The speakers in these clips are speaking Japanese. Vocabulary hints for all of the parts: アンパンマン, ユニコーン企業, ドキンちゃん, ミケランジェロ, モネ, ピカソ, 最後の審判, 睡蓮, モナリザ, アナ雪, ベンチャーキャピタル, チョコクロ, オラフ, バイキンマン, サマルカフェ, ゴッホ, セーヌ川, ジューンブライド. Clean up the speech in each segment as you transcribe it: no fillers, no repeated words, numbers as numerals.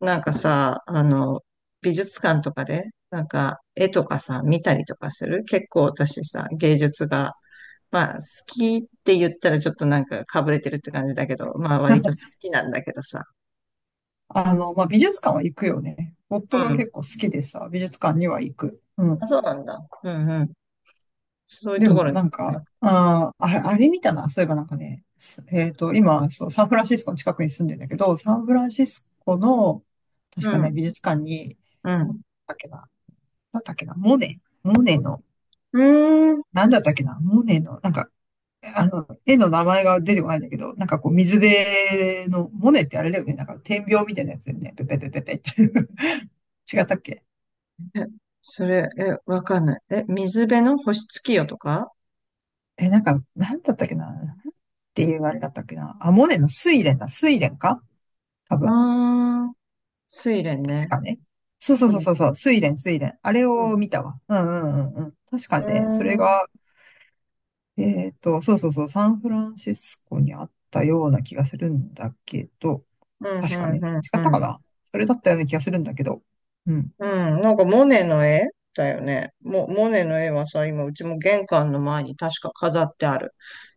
なんかさ、あの、美術館とかで、なんか絵とかさ、見たりとかする、結構私さ、芸術が、まあ好きって言ったらちょっとなんかかぶれてるって感じだけど、まあ割と好 きなんだけどさ。まあ、美術館は行くよね。夫うがん。結構好きでさ、美術館には行く。うあ、ん。そうなんだ。うんうん。そういうでところも、に、なんか、ああ、あれ見たな。そういえばなんかね、すえっと、今、そう、サンフランシスコの近くに住んでんだけど、サンフランシスコの、う確かね、ん。美術館に、うん。だっけな、なんだっけな、モネの、うーん。なんだったっけな、モネの、なんか、絵の名前が出てこないんだけど、なんかこう、水辺の、モネってあれだよね、なんか、点描みたいなやつだよね、ペペペペペって。違ったっけえ、それ、え、わかんない。え、水辺の星月夜とか。え、なんか、なんだったっけな。なんていうあれだったっけな。あ、モネの睡蓮だ。睡蓮か、多あ分。あー、睡蓮ね。確かね。そうそううそうん。そうそう。睡蓮、睡蓮。あれうん。を見たわ。うんうんうんうん。確かうーね、それん。が、そうそうそう、サンフランシスコにあったような気がするんだけど、うん、う確かね。ん、う違っん、たうん。かな、それだったような気がするんだけど。うん。うん、なんかモネの絵だよね。モネの絵はさ、今うちも玄関の前に確か飾ってある。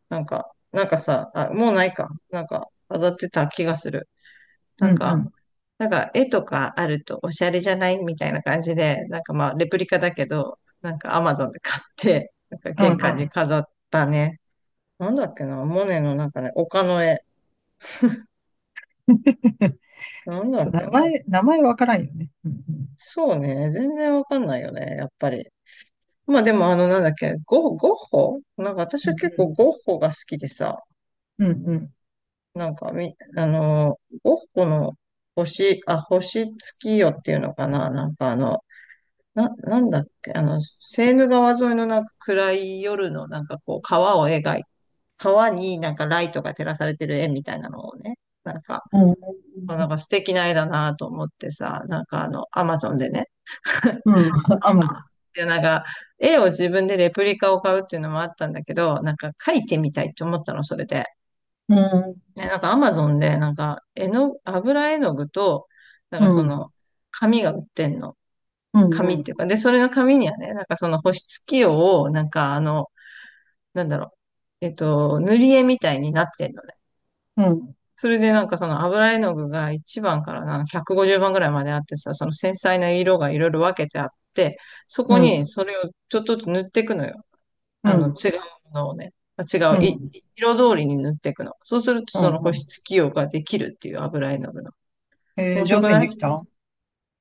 なんか、あ、もうないか。なんか飾ってた気がする。うなんんうか、ん。なんか絵とかあるとおしゃれじゃないみたいな感じで、なんかまあレプリカだけど、なんかアマゾンで買って、なんかう玄んう関にん。飾ったね。なんだっけな、モネのなんかね、丘の絵。なんだそう、っ名けな。前、名前わからんよね。うんうん。そうね、全然わかんないよね、やっぱり。まあでもあのなんだっけ、ゴッホなんか私うんはう結構ん。ゴッホが好きでさ、うんうん。なんかみ、あのー、ゴッホのあ、星月夜っていうのかな、なんかあの、なんだっけ、あの、セーヌ川沿いのなんか暗い夜のなんかこう川を描い、川になんかライトが照らされてる絵みたいなのをね、なんか、うんうあ、なん。んか素敵な絵だなと思ってさ、なんかあの、アマゾンでね、うん。アマゾン。で、なんか、絵を自分でレプリカを買うっていうのもあったんだけど、なんか描いてみたいって思ったの、それで。うん、ね、なんかアマゾンで、なんか、絵の、油絵の具と、なんかうそん、の、紙が売ってんの。うん、紙うっていん、うか、で、それの紙にはね、なんかその保湿器用を、なんかあの、なんだろう、えっと、塗り絵みたいになってんのね。うん、それでなんかその油絵の具が1番からなんか150番ぐらいまであってさ、その繊細な色がいろいろ分けてあって、そうこん、うにん、それをちょっとずつ塗っていくのよ。あうの、ん、違うものをね、あ違う、う色通りに塗っていくの。そうすると、ん、そのう保ん。湿器用ができるっていう油絵の具の。面白上く手になでい？きた？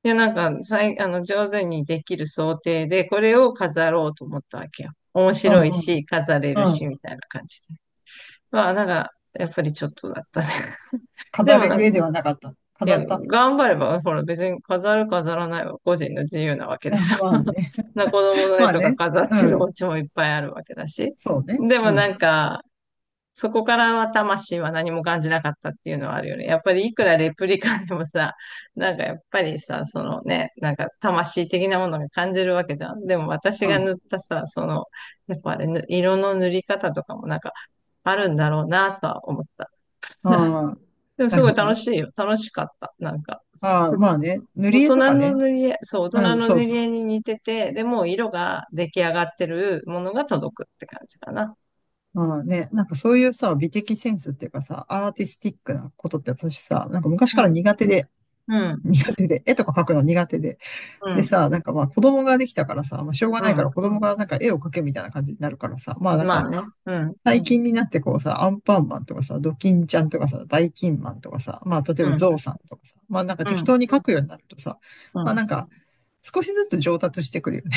いや、なんか、あの、上手にできる想定で、これを飾ろうと思ったわけよ。面う白いん、うん、し、飾れるうし、ん。みたいな感じで。まあ、なんか、やっぱりちょっとだったね。で飾もれなんるか、絵ではなかった。い飾や、った。 頑張れば、ほら、別に飾る飾らないは個人の自由なわ けですまあよ。ね。子供のま絵あとかね。飾っうてるおん。家もいっぱいあるわけだし。そうね。でうもなん。んか、そこからは魂は何も感じなかったっていうのはあるよね。やっぱりいくらレプリカでもさ、なんかやっぱりさ、そのね、なんか魂的なものが感じるわけじゃん。でも私うが塗ん。ったさ、その、やっぱあれ、色の塗り方とかもなんかあるんだろうなとは思った。ああ、でもなするごいほど楽ね。しいよ。楽しかった。なんか、ああ、そまあね。塗大り絵人とかのね。塗り絵、そう、大人うん、のそう塗そりう。絵に似てて、でも色が出来上がってるものが届くって感じかな。ああね。なんかそういうさ、美的センスっていうかさ、アーティスティックなことって私さ、なんか昔かうらん、苦手で、うん、絵とか描くの苦手で。うでん、さ、なんかまあ子供ができたからさ、まあしょうがうないん。から子供がなんか絵を描けみたいな感じになるからさ、まあなんまあかね。うん。最近になってこうさ、アンパンマンとかさ、ドキンちゃんとかさ、バイキンマンとかさ、まあ例えうばん。ゾウさんとかさ、まあなんかう適当ん。に描くようになるとさ、うまあん。なんか少しずつ上達してくるよね。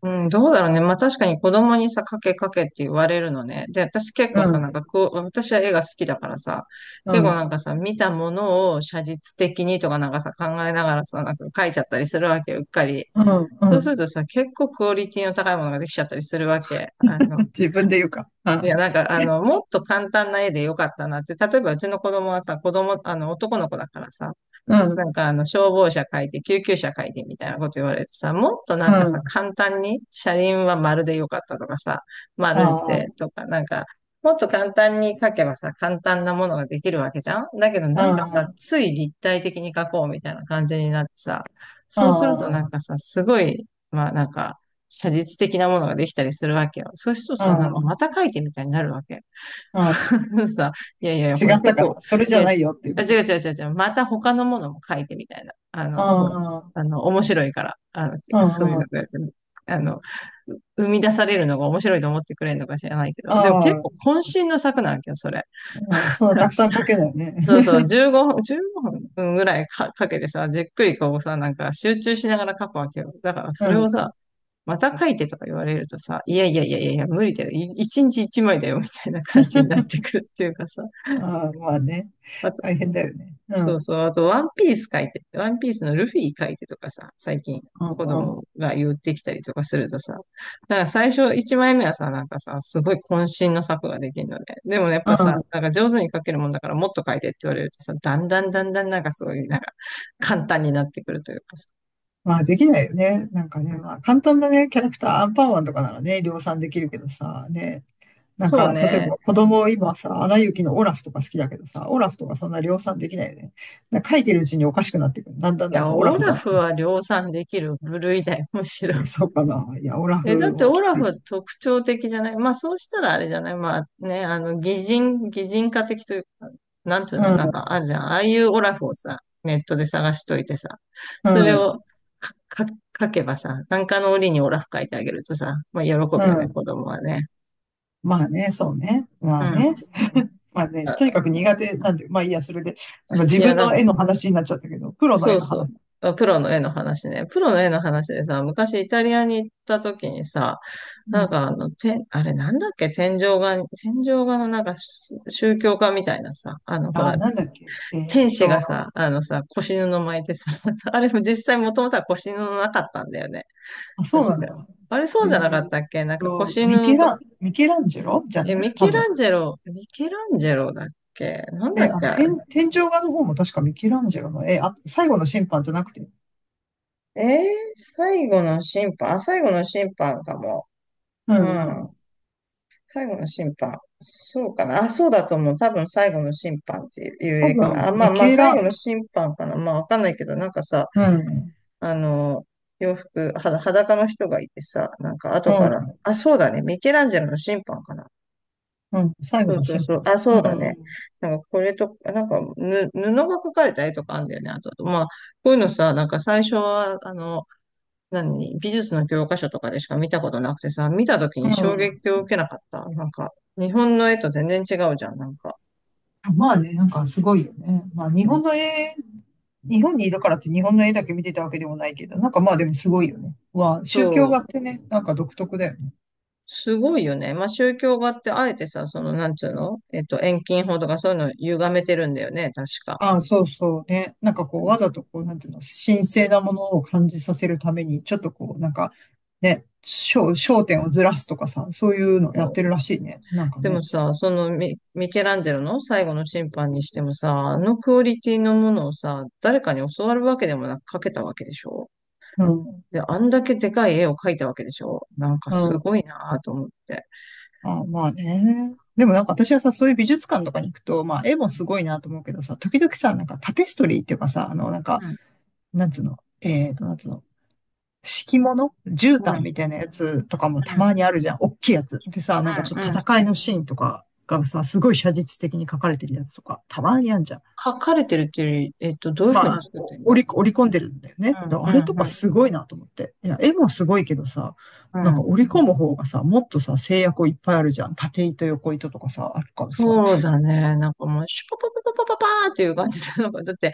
うん、どうだろうね。まあ確かに子供にさ、かけかけって言われるのね。で、私結構さ、なん かこう、私は絵が好きだからさ、う結ん、構うなんん、かさ、見たものを写実的にとかなんかさ、考えながらさ、なんか描いちゃったりするわけよ、うっかり。うん、うそうすん。るとさ、結構クオリティの高いものができちゃったりするわけ。あの、自分で言うか。ういん、や、なんか、あの、もっと簡単な絵でよかったなって。例えば、うちの子供はさ、子供、あの、男の子だからさ、うなんん、かあの消防車書いて、救急車書いてみたいなこと言われるとさ、もっとなうんかさ、ん、簡単に車輪は丸でよかったとかさ、丸ああ、でとか、なんか、もっと簡単に書けばさ、簡単なものができるわけじゃん、だけどうなんかさ、ん、つい立体的に書こうみたいな感じになってさ、うそうするとなんん、かさ、すごい、まあなんか、写実的なものができたりするわけよ。そうするとうさ、なんかまん、た書いてみたいになるわけ。うん。さ、いやいやいや、違これった結から、構、それじいゃや、ないよっていうあ、こ違と。う違う違う違う、また他のものも書いてみたいな。あうの、ほら、ん、うん、あの、面白いから、あの、うそうん、いううのん。が、あの、生み出されるのが面白いと思ってくれるのか知らないけど、でも結構渾身の作なんけど、それ。ああ、そんなたくさん書けないよね。そうそう、15分、15分ぐらいか、かけてさ、じっくりこうさ、なんか集中しながら書くわけよ。だからそうれをん。さ、また書いてとか言われるとさ、いやいやいやいやいや、無理だよ。一日一枚だよ、みたいな感じになってくるっていうかさ、ああ、まあね。大変だよね。うそうん。そう。あと、ワンピース描いて、ワンピースのルフィ描いてとかさ、最近う子んうん。供が言ってきたりとかするとさ、だから最初1枚目はさ、なんかさ、すごい渾身の作ができるので、でもやっうぱさ、ん。なんか上手に描けるもんだからもっと描いてって言われるとさ、だんだんだんだんなんかすごい、なんか簡単になってくるというかさ。まあできないよね。なんかうね、ん、まあ簡単なね、キャラクター、アンパンマンとかならね、量産できるけどさ、ね。なんそうか、例えね。ば子供今さ、アナ雪のオラフとか好きだけどさ、オラフとかそんな量産できないよね。なんか書いてるうちにおかしくなってくる。だんだんいなんや、かオラオフじゃラなくフは量産できる部類だよ、むしろ。て。そうかな。いや、オラえ、だっフてもオきラつフい。は特徴的じゃない。まあそうしたらあれじゃない。まあね、あの、擬人化的というか、なんていううの、なんん、かあんじゃん。ああいうオラフをさ、ネットで探しといてさ、うそれん、をか、か、書けばさ、なんかの折にオラフ書いてあげるとさ、まあ喜ぶうよね、子ん。供はね。まあね、そうね。まうあね。ん。まあね、とにかく苦手なんで、まあいいや、それで、なんかい自や、分なんのか絵の話になっちゃったけど、プロのそ絵うのそう。話。あ、プロの絵の話ね。プロの絵の話でさ、昔イタリアに行った時にさ、うなんん。かあの、て、あれなんだっけ、天井画、天井画のなんか、し宗教画みたいなさ、あのほあら、あ、なんだっけ。天使がさ、あのさ、腰布巻いてさ、あれも実際もともとは腰布なかったんだよね。あ、そうなん確だ。か。あれそえうじゃなかっーったっけ、なんか腰ミケ布と。ラン、ミケランジェロじゃえ、ないミ多ケ分。ランジェロ、ミケランジェロだっけ、なんだで、っけあれ。天井画の方も確かミケランジェロの絵、あ、最後の審判じゃなくて。えー、最後の審判、あ、最後の審判かも。ううんうん。ん。最後の審判。そうかな。あ、そうだと思う。多分最後の審判っていう多映画かな。分、あ、まあミまあ、ケ最後ラ、の審判かな。まあわかんないけど、なんかさ、うん、あの、洋服、は、裸の人がいてさ、なんかう後から、ん、あ、そうだね。ミケランジェロの審判かな。うん、最そ後うのそう審そう。判。あ、うそうだね。ん、なんかこれと、なんかぬ、布が描かれた絵とかあんだよね。あと、まあ、こういうのさ、なんか最初は、あの、何、美術の教科書とかでしか見たことなくてさ、見た時うに衝ん、撃を受けなかった。なんか、日本の絵と全然違うじゃん、なんか。まあね、なんかすごいよね。まあ日本の絵、日本にいるからって日本の絵だけ見てたわけでもないけど、なんかまあでもすごいよね。わあ、宗教そ画う、ってね、なんか独特だよね。すごいよね。まあ、宗教画ってあえてさ、その、なんつうの、えっと、遠近法とかそういうのを歪めてるんだよね、確か。ああ、そうそうね。なんかこう、わざとこう、なんていうの、神聖なものを感じさせるために、ちょっとこう、なんか、ね、焦点をずらすとかさ、そういうのやってるらしいね。なんかでもね。さ、そのミケランジェロの最後の審判にしてもさ、あのクオリティのものをさ、誰かに教わるわけでもなく描けたわけでしょ？うん、で、あんだけでかい絵を描いたわけでしょ、なんかうすん。ごいなぁと思って。あ、まあね。でもなんか私はさ、そういう美術館とかに行くと、まあ絵もすごいなと思うけどさ、時々さ、なんかタペストリーっていうかさ、あの、なんか、うん。なんつうの、なんつうの、敷物絨毯みたいなやつとかもたうん、まにあるじゃん。おっきいやつ。でさ、なんかちうょっん、とうん。戦いのシーンとかがさ、すごい写実的に描かれてるやつとか、たまにあんじゃん。書かれてるっていうより、えっと、どういうふうまにあ、作ってんだ？う織り込んでるんだよね。ん、あうれとかん、すごいなと思って。いや、絵もすごいけどさ、うん、なんうかん、織り込む方がさ、もっとさ、制約いっぱいあるじゃん。縦糸、横糸とかさ、あるからさ。そうだね。なんかもう、シュパパパパパパーっていう感じで、なんか、だって、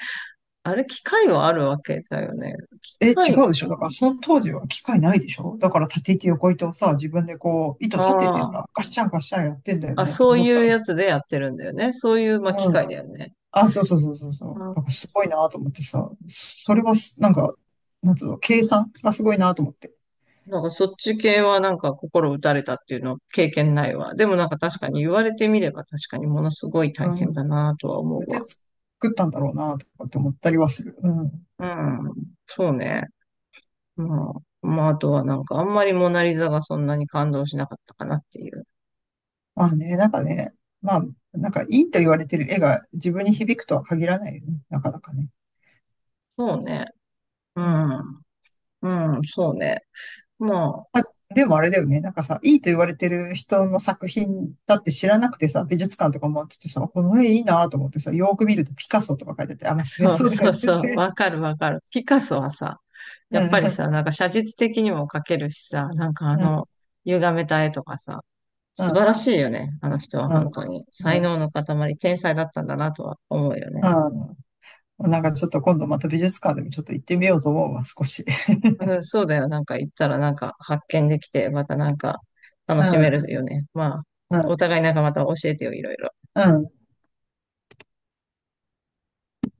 あれ、機械はあるわけだよね。機え、違械、うでしょ。だから、その当時は機械ないでしょ。だから、縦糸横糸をさ、自分でこう、糸立ててああ、さ、ガッシャンガッシャンやってんだよあ、ね、とそう思ったいうら。やつでやってるんだよね。そういう、まあ、機う械だん。よね。あ、そうそうそうそうそう。あー、だからすごいそ、なと思ってさ、それはす、なんか、なんつうの、計算がすごいなと思って。なんか、そっち系はなんか、心打たれたっていうの経験ないわ。でもなんか、確かに言われてみれば、確かにものすごいう大ん。変こだなとは思うやっうてわ。作ったんだろうなとかって思ったりはする。うん。うん、そうね。ままあ、あとはなんかあんまりモナリザがそんなに感動しなかったかなっていう。まあね、なんかね、まあ、なんかいいと言われてる絵が自分に響くとは限らないよね。なかなかね。そうね。ううん。ん。うん、そうね。もあ、でもあれだよね。なんかさ、いいと言われてる人の作品だって知らなくてさ、美術館とか回っててさ、この絵いいなと思ってさ、よーく見るとピカソとか書いてて、あ、まあう、そりゃそうそうだそようねっそう。て。わかるわかる。ピカソはさ、うやっぱりん、さ、なんか写実的にも描けるしさ、なんかあうん、の、歪めた絵とかさ、う素晴らん、しいよね。あの人はう本ん、当に。う才能ん。の塊、天才だったんだなとは思うよね。うん、なんかちょっと今度また美術館でもちょっと行ってみようと思うわ、少し。うん、そうだよ。なんか行ったらなんか発見できて、またなんか楽うしめるん、よね。まあ、うおん、互いなんかまた教えてよ、いろいろ。うん。